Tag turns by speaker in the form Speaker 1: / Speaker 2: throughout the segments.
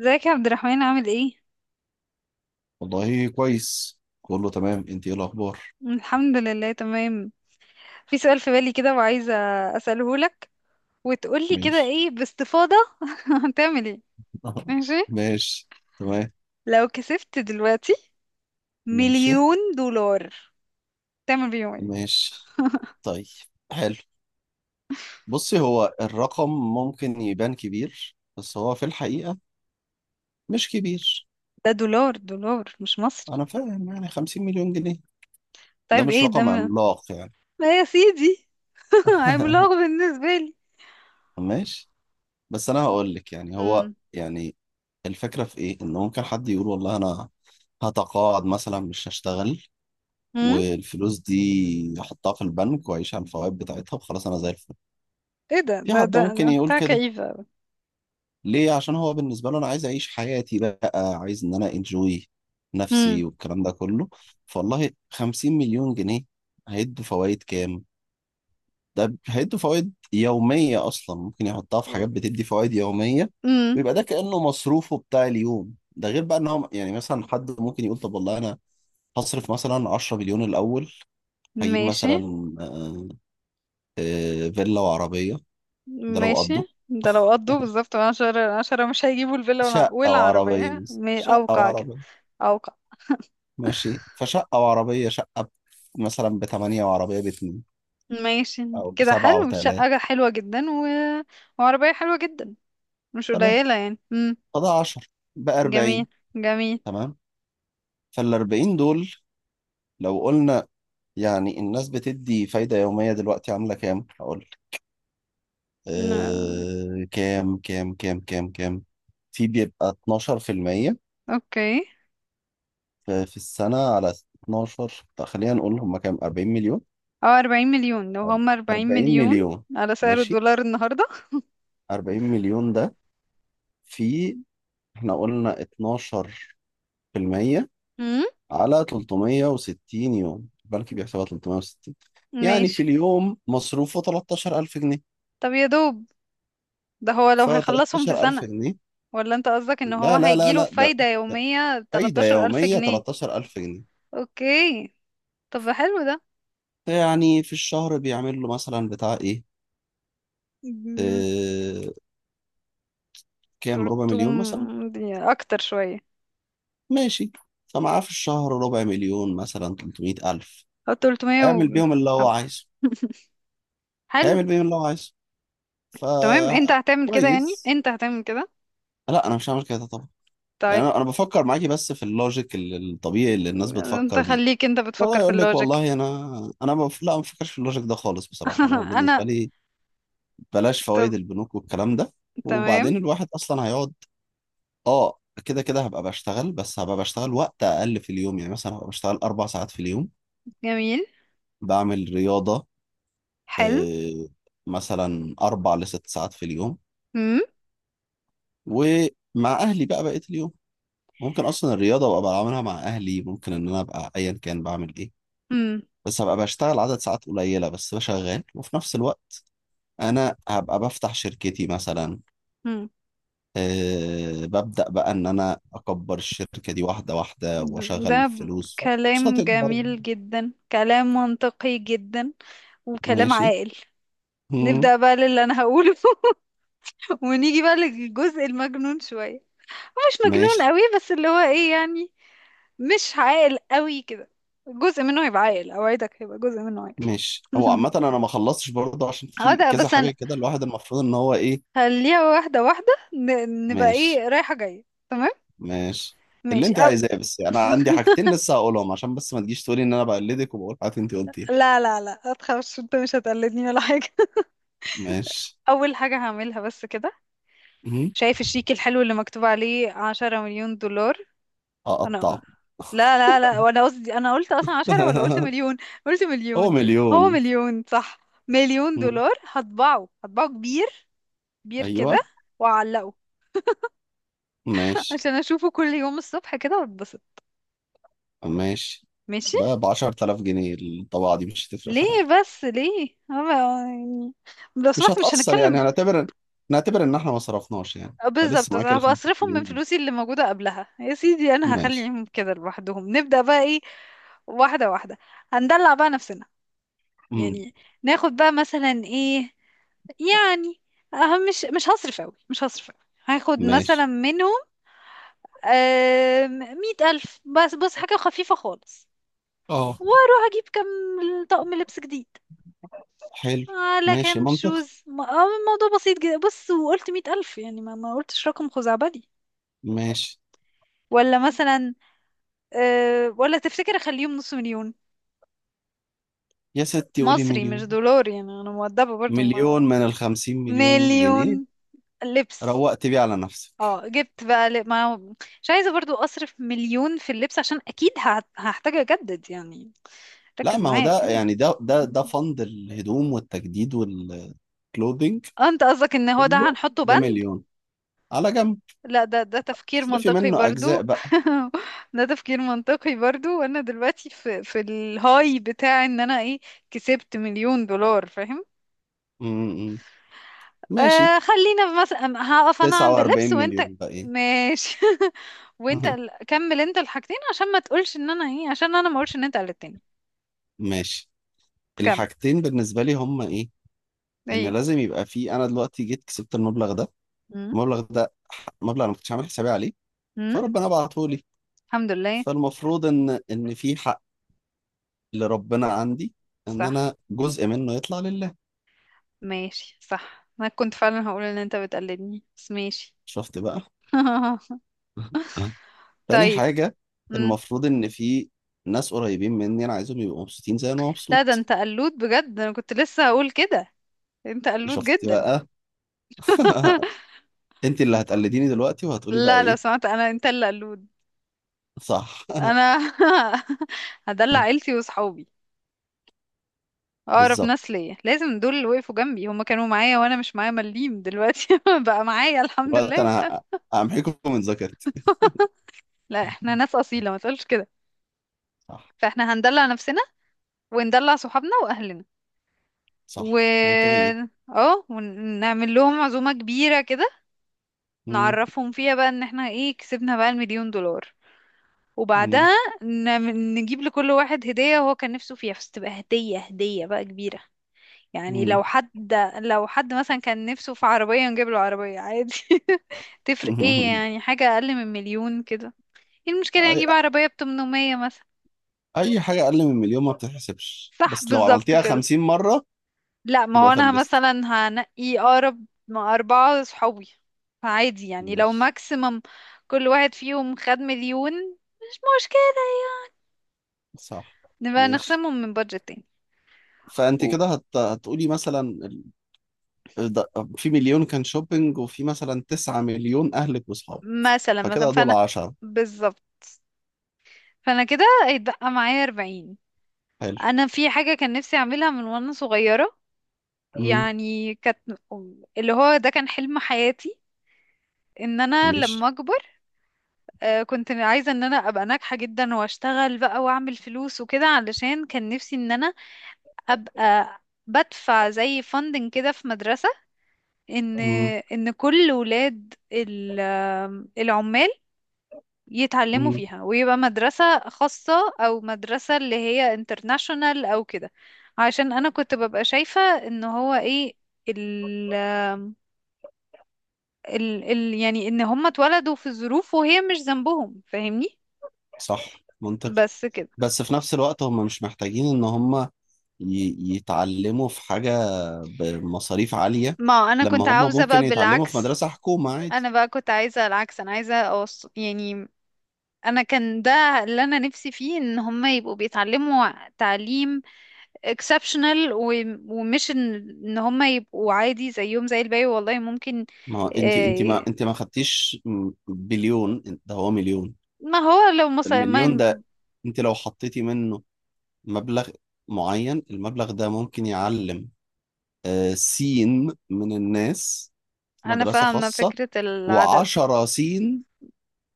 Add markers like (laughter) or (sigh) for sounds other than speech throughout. Speaker 1: ازيك يا عبد الرحمن، عامل ايه؟
Speaker 2: والله كويس، كله تمام. انت ايه الاخبار؟
Speaker 1: الحمد لله تمام. في سؤال في بالي كده وعايزة أسأله لك وتقولي كده
Speaker 2: ماشي.
Speaker 1: ايه باستفاضة. (laughs) هتعمل ايه؟
Speaker 2: (laughs)
Speaker 1: ماشي؟
Speaker 2: ماشي. تمام.
Speaker 1: لو كسبت دلوقتي
Speaker 2: ماشي.
Speaker 1: مليون دولار تعمل بيهم ايه؟
Speaker 2: ماشي، طيب، حلو. بصي، هو الرقم ممكن يبان كبير، بس هو في الحقيقة مش كبير.
Speaker 1: ده دولار دولار مش مصري.
Speaker 2: انا فاهم، يعني 50 مليون جنيه ده
Speaker 1: طيب
Speaker 2: مش
Speaker 1: ايه ده
Speaker 2: رقم
Speaker 1: ما
Speaker 2: عملاق يعني.
Speaker 1: ما يا سيدي. (laughs) عملاق
Speaker 2: (laughs)
Speaker 1: بالنسبة لي.
Speaker 2: ماشي. بس انا هقول لك، يعني هو
Speaker 1: امم
Speaker 2: يعني الفكرة في ايه، ان ممكن حد يقول والله انا هتقاعد مثلا مش هشتغل،
Speaker 1: امم
Speaker 2: والفلوس دي احطها في البنك واعيش على الفوائد بتاعتها وخلاص انا زي الفل.
Speaker 1: ايه ده
Speaker 2: في
Speaker 1: ده
Speaker 2: حد
Speaker 1: ده
Speaker 2: ممكن
Speaker 1: ده
Speaker 2: يقول
Speaker 1: بتاع
Speaker 2: كده،
Speaker 1: كئيبة.
Speaker 2: ليه؟ عشان هو بالنسبه له انا عايز اعيش حياتي بقى، عايز ان انا انجوي
Speaker 1: امم
Speaker 2: نفسي والكلام ده كله. فوالله 50 مليون جنيه هيدوا فوائد كام؟ ده هيدوا فوائد يوميه اصلا، ممكن يحطها في حاجات بتدي فوائد يوميه،
Speaker 1: امم
Speaker 2: ويبقى ده كانه مصروفه بتاع اليوم ده. غير بقى ان هو يعني مثلا حد ممكن يقول طب والله انا هصرف مثلا 10 مليون الاول. هجيب
Speaker 1: ماشي
Speaker 2: مثلا آه، فيلا وعربية. ده لو قضوا
Speaker 1: ماشي. ده لو قضوا بالظبط عشرة عشرة مش هيجيبوا الفيلا
Speaker 2: شقة وعربية،
Speaker 1: والعربية
Speaker 2: بس شقة
Speaker 1: أوقع كده.
Speaker 2: وعربية.
Speaker 1: أوقع.
Speaker 2: ماشي، فشقة وعربية. مثلا بتمانية، وعربية باتنين. أو
Speaker 1: ماشي. كده
Speaker 2: بسبعة
Speaker 1: حلو، شقة
Speaker 2: وتلاتة.
Speaker 1: حلوة جدا وعربية حلوة جدا. مش
Speaker 2: تمام.
Speaker 1: قليلة يعني.
Speaker 2: فده 10، بقى
Speaker 1: جميل.
Speaker 2: 40.
Speaker 1: جميل.
Speaker 2: تمام. فالأربعين دول لو قلنا يعني الناس بتدي فايدة يومية دلوقتي عاملة كام؟ هقول لك.
Speaker 1: ن-
Speaker 2: كام. في، بيبقى 12% في المية،
Speaker 1: أوكي.
Speaker 2: في السنة. على 12. طب خلينا نقول هم كام، 40 مليون.
Speaker 1: أو 40 مليون، لو
Speaker 2: أر-
Speaker 1: هم أربعين
Speaker 2: 40
Speaker 1: مليون
Speaker 2: مليون.
Speaker 1: على سعر
Speaker 2: ماشي.
Speaker 1: الدولار النهاردة.
Speaker 2: 40 مليون ده، في، احنا قلنا 12%
Speaker 1: مم.
Speaker 2: على 360 يوم، البنك بيحسبها 360. يعني في
Speaker 1: ماشي.
Speaker 2: اليوم مصروفه 13000 جنيه.
Speaker 1: طب يا دوب ده هو لو
Speaker 2: ف
Speaker 1: هيخلصهم في
Speaker 2: 13000
Speaker 1: سنة،
Speaker 2: جنيه
Speaker 1: ولا أنت قصدك إن هو
Speaker 2: لا لا لا
Speaker 1: هيجيله
Speaker 2: لا، ده
Speaker 1: فايدة يومية
Speaker 2: فايدة
Speaker 1: تلتاشر ألف
Speaker 2: يومية
Speaker 1: جنيه
Speaker 2: 13000 جنيه.
Speaker 1: أوكي. طب حلو ده.
Speaker 2: يعني في الشهر بيعمل له مثلا بتاع ايه،
Speaker 1: مم،
Speaker 2: اه كام، ربع
Speaker 1: تلتم
Speaker 2: مليون مثلا.
Speaker 1: اكتر شوية.
Speaker 2: ماشي. فمعاه في الشهر ربع مليون مثلا، 300000.
Speaker 1: او تلتمية
Speaker 2: هيعمل بيهم اللي هو
Speaker 1: حبة.
Speaker 2: عايزه.
Speaker 1: (laughs) حلو.
Speaker 2: هيعمل بيه اللي هو عايزه. ف،
Speaker 1: تمام، انت هتعمل كده يعني؟
Speaker 2: كويس.
Speaker 1: انت هتعمل كده.
Speaker 2: لا، انا مش هعمل كده طبعا. يعني
Speaker 1: طيب
Speaker 2: انا بفكر معاكي بس في اللوجيك الطبيعي اللي الناس
Speaker 1: انت
Speaker 2: بتفكر بيه.
Speaker 1: خليك، انت
Speaker 2: لا
Speaker 1: بتفكر في
Speaker 2: يقول لك
Speaker 1: اللوجيك.
Speaker 2: والله انا، انا ما بف... لا، ما بفكرش في اللوجيك ده خالص بصراحه. انا
Speaker 1: (laughs) انا.
Speaker 2: بالنسبه لي بلاش
Speaker 1: طب.
Speaker 2: فوائد البنوك والكلام ده.
Speaker 1: تمام.
Speaker 2: وبعدين الواحد اصلا هيقعد. اه كده كده هبقى بشتغل، بس هبقى بشتغل وقت اقل في اليوم. يعني مثلا هبقى بشتغل 4 ساعات في اليوم،
Speaker 1: جميل.
Speaker 2: بعمل رياضه.
Speaker 1: حلو.
Speaker 2: آه، مثلا اربع لست ساعات في اليوم،
Speaker 1: مم.
Speaker 2: ومع اهلي بقى بقيه اليوم. ممكن اصلا الرياضه ابقى بعملها مع اهلي. ممكن ان انا ابقى ايا كان بعمل ايه،
Speaker 1: مم.
Speaker 2: بس هبقى بشتغل عدد ساعات قليله بس بشغال. وفي نفس الوقت انا هبقى بفتح شركتي مثلا.
Speaker 1: مم.
Speaker 2: ببدا بقى ان انا اكبر الشركه دي واحده واحده
Speaker 1: ده
Speaker 2: واشغل فلوس.
Speaker 1: كلام
Speaker 2: فهتكبر.
Speaker 1: جميل جدا، كلام منطقي جدا، وكلام
Speaker 2: ماشي.
Speaker 1: عاقل.
Speaker 2: مم.
Speaker 1: نبدأ بقى للي انا هقوله. (laughs) ونيجي بقى للجزء المجنون شوية، مش مجنون
Speaker 2: ماشي.
Speaker 1: قوي بس اللي هو ايه يعني، مش عاقل قوي كده. جزء منه هيبقى عاقل، اوعدك هيبقى جزء منه عاقل.
Speaker 2: ماشي، هو عامه انا ما خلصتش برضه، عشان
Speaker 1: (laughs) اه،
Speaker 2: في
Speaker 1: ده
Speaker 2: كذا
Speaker 1: بس
Speaker 2: حاجه كده الواحد المفروض ان هو ايه.
Speaker 1: هنخليها واحدة واحدة. نبقى
Speaker 2: ماشي.
Speaker 1: ايه، رايحة جاية، تمام.
Speaker 2: ماشي، اللي
Speaker 1: ماشي.
Speaker 2: انت عايزاه بس يعني. انا عندي حاجتين
Speaker 1: (laughs)
Speaker 2: لسه هقولهم عشان بس ما تجيش تقولي ان انا بقلدك وبقول حاجات انت قلتيها.
Speaker 1: لا لا لا، متخافش، انت مش هتقلدني ولا حاجة. (laughs)
Speaker 2: ماشي.
Speaker 1: أول حاجة هعملها بس كده،
Speaker 2: مهم.
Speaker 1: شايف الشيك الحلو اللي مكتوب عليه 10 مليون دولار؟ انا
Speaker 2: هقطعه.
Speaker 1: لا لا لا، وانا قصدي، انا قلت اصلا عشرة ولا قلت
Speaker 2: (laughs)
Speaker 1: مليون؟ قلت
Speaker 2: هو
Speaker 1: مليون. هو
Speaker 2: مليون.
Speaker 1: مليون صح. مليون
Speaker 2: مم.
Speaker 1: دولار، هطبعه، هطبعه كبير، كبير كده،
Speaker 2: ايوه.
Speaker 1: واعلقه. (laughs)
Speaker 2: ماشي.
Speaker 1: عشان اشوفه كل يوم الصبح كده واتبسط.
Speaker 2: ماشي،
Speaker 1: ماشي.
Speaker 2: ده ب 10000 جنيه الطباعة دي، مش هتفرق
Speaker 1: ليه؟
Speaker 2: في حاجة.
Speaker 1: بس ليه أنا يعني، لو
Speaker 2: مش
Speaker 1: سمحت مش
Speaker 2: هتأثر،
Speaker 1: هنتكلم
Speaker 2: يعني هنعتبر، نعتبر ان احنا ما صرفناش يعني
Speaker 1: بالظبط،
Speaker 2: فلسه، معاك ال
Speaker 1: هبقى
Speaker 2: 50
Speaker 1: اصرفهم من
Speaker 2: مليون
Speaker 1: فلوسي اللي موجودة قبلها يا سيدي، انا
Speaker 2: جنيه. ماشي.
Speaker 1: هخليهم كده لوحدهم. نبدأ بقى ايه؟ واحدة واحدة، هندلع بقى نفسنا،
Speaker 2: مم.
Speaker 1: يعني ناخد بقى مثلا ايه يعني. أهم، مش هصرف أوي، مش هصرف أوي. هاخد مثلا
Speaker 2: ماشي.
Speaker 1: منهم 100 ألف بس، بص حاجة خفيفة خالص.
Speaker 2: اه،
Speaker 1: واروح أجيب كام طقم لبس جديد،
Speaker 2: حلو.
Speaker 1: على
Speaker 2: ماشي،
Speaker 1: كام
Speaker 2: منطق.
Speaker 1: شوز الموضوع بسيط جدا، بص وقلت 100 ألف يعني، ما قلتش رقم خزعبلي
Speaker 2: ماشي
Speaker 1: ولا مثلا. ولا تفتكر أخليهم نص مليون؟
Speaker 2: يا ستي قولي
Speaker 1: مصري مش
Speaker 2: مليون.
Speaker 1: دولار يعني، أنا مؤدبة برضو
Speaker 2: مليون
Speaker 1: ما
Speaker 2: من الخمسين مليون جنيه.
Speaker 1: مليون لبس.
Speaker 2: روقت بيه على نفسك.
Speaker 1: اه جبت بقى ما هو- مش عايزة برضو أصرف مليون في اللبس، عشان أكيد هحتاج أجدد يعني.
Speaker 2: لا
Speaker 1: ركز
Speaker 2: ما هو
Speaker 1: معايا
Speaker 2: ده
Speaker 1: كده.
Speaker 2: يعني ده
Speaker 1: (laughs)
Speaker 2: فند الهدوم والتجديد والكلودينج
Speaker 1: اه، انت قصدك ان هو ده
Speaker 2: كله.
Speaker 1: هنحطه
Speaker 2: ده
Speaker 1: بند؟
Speaker 2: مليون على جنب.
Speaker 1: لا، ده تفكير
Speaker 2: اصرفي
Speaker 1: منطقي
Speaker 2: منه أجزاء
Speaker 1: برضو.
Speaker 2: بقى.
Speaker 1: (laughs) ده تفكير منطقي برضو، وانا دلوقتي في الهاي بتاع ان انا ايه، كسبت مليون دولار فاهم.
Speaker 2: م-م. ماشي.
Speaker 1: خلينا مثلا، هقف انا عند
Speaker 2: 49
Speaker 1: اللبس وانت.
Speaker 2: مليون بقى ايه.
Speaker 1: ماشي. (laughs) وانت
Speaker 2: (laughs)
Speaker 1: كمل انت الحاجتين عشان ما تقولش ان انا ايه، عشان انا ما اقولش ان انت قلت تاني.
Speaker 2: ماشي. الحاجتين بالنسبة لي هما ايه، ان
Speaker 1: ايه.
Speaker 2: لازم يبقى في. انا دلوقتي جيت كسبت المبلغ ده.
Speaker 1: امم
Speaker 2: المبلغ ده، مبلغ انا ما كنتش عامل حسابي عليه،
Speaker 1: امم
Speaker 2: فربنا بعته لي.
Speaker 1: الحمد لله.
Speaker 2: فالمفروض ان في حق اللي ربنا عندي، ان
Speaker 1: صح.
Speaker 2: انا جزء منه يطلع لله.
Speaker 1: ماشي، صح، انا كنت فعلا هقول ان انت بتقلدني، بس ماشي.
Speaker 2: شفت بقى.
Speaker 1: (laughs)
Speaker 2: (laughs) تاني
Speaker 1: طيب.
Speaker 2: حاجة،
Speaker 1: امم
Speaker 2: المفروض ان في ناس قريبين مني انا عايزهم يبقوا مبسوطين زي انا
Speaker 1: لا، ده
Speaker 2: مبسوط.
Speaker 1: انت قلود بجد، انا كنت لسه هقول كده. انت قلود
Speaker 2: شفت
Speaker 1: جدا.
Speaker 2: بقى. (laughs)
Speaker 1: (laughs)
Speaker 2: انت اللي هتقلديني دلوقتي، وهتقولي بقى
Speaker 1: لا لو
Speaker 2: ايه.
Speaker 1: سمعت، انا انت اللي قلود.
Speaker 2: صح. (laughs)
Speaker 1: انا (laughs) هدلع عيلتي وصحابي، اقرب ناس
Speaker 2: بالظبط.
Speaker 1: ليا لازم دول، اللي وقفوا جنبي هما كانوا معايا وانا مش معايا مليم، دلوقتي (laughs) بقى معايا الحمد
Speaker 2: دلوقتي
Speaker 1: لله.
Speaker 2: انا همحيكم من ذاكرتي.
Speaker 1: (laughs) لا احنا ناس اصيله، ما تقولش كده.
Speaker 2: صح.
Speaker 1: فاحنا هندلع نفسنا وندلع صحابنا واهلنا. و
Speaker 2: صح، منطقي جدا.
Speaker 1: اه ونعمل لهم عزومة كبيرة كده،
Speaker 2: مم.
Speaker 1: نعرفهم فيها بقى ان احنا ايه، كسبنا بقى المليون دولار.
Speaker 2: مم.
Speaker 1: وبعدها نجيب لكل واحد هدية هو كان نفسه فيها، بس تبقى هدية، هدية بقى كبيرة. يعني
Speaker 2: مم.
Speaker 1: لو حد مثلا كان نفسه في عربية نجيب له عربية عادي. (laughs) تفرق ايه يعني؟
Speaker 2: (laughs)
Speaker 1: حاجة اقل من مليون كده. ايه المشكلة يعني؟
Speaker 2: اي،
Speaker 1: نجيب عربية ب 800 مثلا.
Speaker 2: اي حاجه اقل من مليون ما بتتحسبش،
Speaker 1: صح،
Speaker 2: بس لو
Speaker 1: بالظبط
Speaker 2: عملتيها
Speaker 1: كده.
Speaker 2: 50 مره
Speaker 1: لا، ما
Speaker 2: تبقى
Speaker 1: هو انا
Speaker 2: فلست.
Speaker 1: مثلا هنقي اقرب مع اربعة صحابي، فعادي يعني لو
Speaker 2: ماشي.
Speaker 1: ماكسيمم كل واحد فيهم خد مليون مش مشكلة.
Speaker 2: صح.
Speaker 1: نبقى
Speaker 2: ماشي.
Speaker 1: نخصمهم من بادجت تاني.
Speaker 2: فانت
Speaker 1: و-
Speaker 2: كده هتقولي مثلا ال- ده- في مليون كان شوبينج، وفي مثلا 9 مليون اهلك واصحابك.
Speaker 1: مثلا،
Speaker 2: فكده دول
Speaker 1: فانا.
Speaker 2: 10.
Speaker 1: بالظبط، فانا كده هيتبقى معايا 40.
Speaker 2: حلو.
Speaker 1: انا في حاجة كان نفسي اعملها من وانا صغيرة،
Speaker 2: امم.
Speaker 1: يعني اللي هو ده كان حلم حياتي، ان انا
Speaker 2: ماشي.
Speaker 1: لما اكبر. كنت عايزة ان انا ابقى ناجحة جدا واشتغل بقى واعمل فلوس وكده، علشان كان نفسي ان انا ابقى بدفع زي فاندنج كده في مدرسة، ان
Speaker 2: امم.
Speaker 1: ان كل ولاد العمال يتعلموا
Speaker 2: امم.
Speaker 1: فيها، ويبقى مدرسة خاصة او مدرسة اللي هي انترناشونال او كده. عشان انا كنت ببقى شايفة ان هو ايه، ال ال ال يعني ان هم اتولدوا في الظروف وهي مش ذنبهم، فاهمني.
Speaker 2: صح، منطقي.
Speaker 1: بس كده.
Speaker 2: بس في نفس الوقت هم مش محتاجين ان هم يتعلموا في حاجة بمصاريف عالية،
Speaker 1: ما انا
Speaker 2: لما
Speaker 1: كنت
Speaker 2: هم
Speaker 1: عاوزة بقى
Speaker 2: ممكن يتعلموا في
Speaker 1: بالعكس.
Speaker 2: مدرسة حكومة عادي.
Speaker 1: انا بقى كنت عايزة العكس، انا عايزة يعني انا كان ده اللي انا نفسي فيه، ان هم يبقوا بيتعلموا تعليم exceptional، ومش إن هم يبقوا عادي زيهم زي الباقي، والله ممكن.
Speaker 2: ما هو انت انت
Speaker 1: آه،
Speaker 2: ما انت ما خدتيش، بليون؟ ده هو مليون.
Speaker 1: ما هو لو مصر
Speaker 2: المليون
Speaker 1: ما
Speaker 2: ده انت لو حطيتي منه مبلغ معين، المبلغ ده ممكن يعلم سين من الناس في
Speaker 1: انا
Speaker 2: مدرسة
Speaker 1: فاهمة
Speaker 2: خاصة،
Speaker 1: فكرة العدد.
Speaker 2: وعشرة سين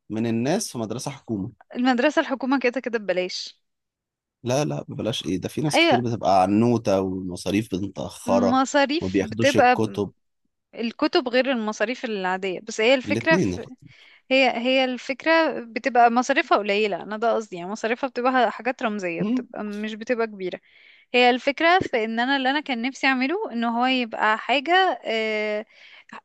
Speaker 2: من الناس في مدرسة حكومة.
Speaker 1: المدرسة الحكومة كده كده ببلاش.
Speaker 2: لا لا، بلاش ايه ده، في ناس
Speaker 1: اي،
Speaker 2: كتير بتبقى عنوتة والمصاريف متأخرة، ما
Speaker 1: مصاريف
Speaker 2: بياخدوش
Speaker 1: بتبقى
Speaker 2: الكتب.
Speaker 1: الكتب غير المصاريف العادية، بس هي الفكرة.
Speaker 2: الاتنين الاتنين.
Speaker 1: هي الفكرة بتبقى مصاريفها قليلة، أنا ده قصدي يعني، مصاريفها بتبقى حاجات رمزية،
Speaker 2: مم،
Speaker 1: بتبقى مش بتبقى كبيرة. هي الفكرة في إن أنا اللي أنا كان نفسي أعمله إن هو يبقى حاجة.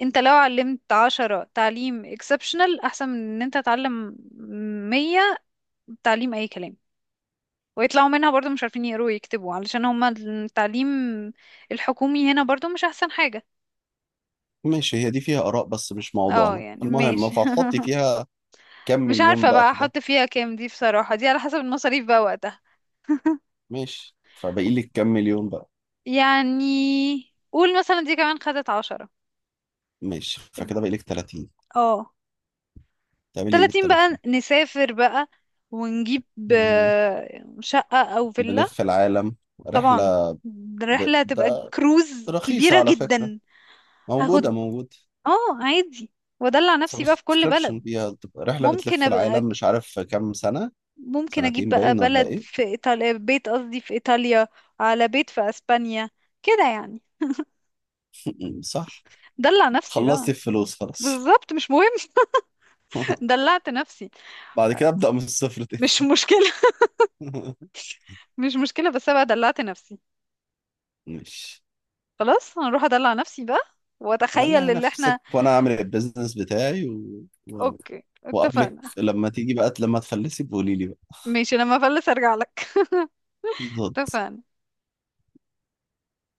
Speaker 1: أنت لو علمت عشرة تعليم اكسبشنال أحسن من إن أنت تعلم 100 تعليم أي كلام، ويطلعوا منها برضو مش عارفين يقروا ويكتبوا، علشان هما التعليم الحكومي هنا برضو مش أحسن حاجة.
Speaker 2: ماشي. هي دي فيها آراء بس مش
Speaker 1: اه
Speaker 2: موضوعنا
Speaker 1: يعني
Speaker 2: المهم.
Speaker 1: ماشي.
Speaker 2: فهتحطي فيها كام
Speaker 1: (laughs) مش
Speaker 2: مليون
Speaker 1: عارفة
Speaker 2: بقى
Speaker 1: بقى
Speaker 2: في ده.
Speaker 1: احط فيها كام، دي بصراحة دي على حسب المصاريف بقى وقتها.
Speaker 2: ماشي. فباقي لك كام مليون بقى.
Speaker 1: يعني قول مثلا دي كمان خدت عشرة.
Speaker 2: ماشي، فكده باقي لك 30.
Speaker 1: اه،
Speaker 2: تعملي ايه بال
Speaker 1: 30 بقى نسافر بقى ونجيب
Speaker 2: 30؟
Speaker 1: شقة أو فيلا.
Speaker 2: بنلف العالم،
Speaker 1: طبعا
Speaker 2: رحلة.
Speaker 1: الرحلة هتبقى
Speaker 2: ده
Speaker 1: كروز
Speaker 2: رخيصة
Speaker 1: كبيرة
Speaker 2: على فكرة.
Speaker 1: جدا.
Speaker 2: موجودة
Speaker 1: هاخد،
Speaker 2: موجودة.
Speaker 1: اه عادي، وادلع نفسي بقى في كل
Speaker 2: سبسكريبشن
Speaker 1: بلد.
Speaker 2: فيها تبقى رحلة
Speaker 1: ممكن
Speaker 2: بتلف
Speaker 1: ابقى،
Speaker 2: العالم مش عارف كام سنة.
Speaker 1: ممكن اجيب
Speaker 2: سنتين
Speaker 1: بقى
Speaker 2: باين ولا
Speaker 1: بلد
Speaker 2: ايه.
Speaker 1: في ايطاليا، بيت قصدي في ايطاليا، على بيت في اسبانيا كده يعني.
Speaker 2: (clears throat) (laughs) صح.
Speaker 1: دلع نفسي بقى.
Speaker 2: خلصت الفلوس خلاص.
Speaker 1: بالظبط، مش مهم. (laughs)
Speaker 2: (laughs)
Speaker 1: دلعت نفسي.
Speaker 2: بعد كده أبدأ من الصفر تاني.
Speaker 1: مش مشكلة.
Speaker 2: (laughs)
Speaker 1: (laughs) مش مشكلة، بس أنا بقى دلعت نفسي.
Speaker 2: مش.
Speaker 1: خلاص هنروح أدلع نفسي بقى
Speaker 2: دلع
Speaker 1: وأتخيل اللي احنا.
Speaker 2: نفسك وانا اعمل البيزنس بتاعي و... و...
Speaker 1: أوكي،
Speaker 2: وقبلك
Speaker 1: اتفقنا.
Speaker 2: لما تيجي بقى، لما تفلسي بقولي لي بقى.
Speaker 1: ماشي، لما أفلس أرجع لك. (laughs)
Speaker 2: بالظبط.
Speaker 1: اتفقنا.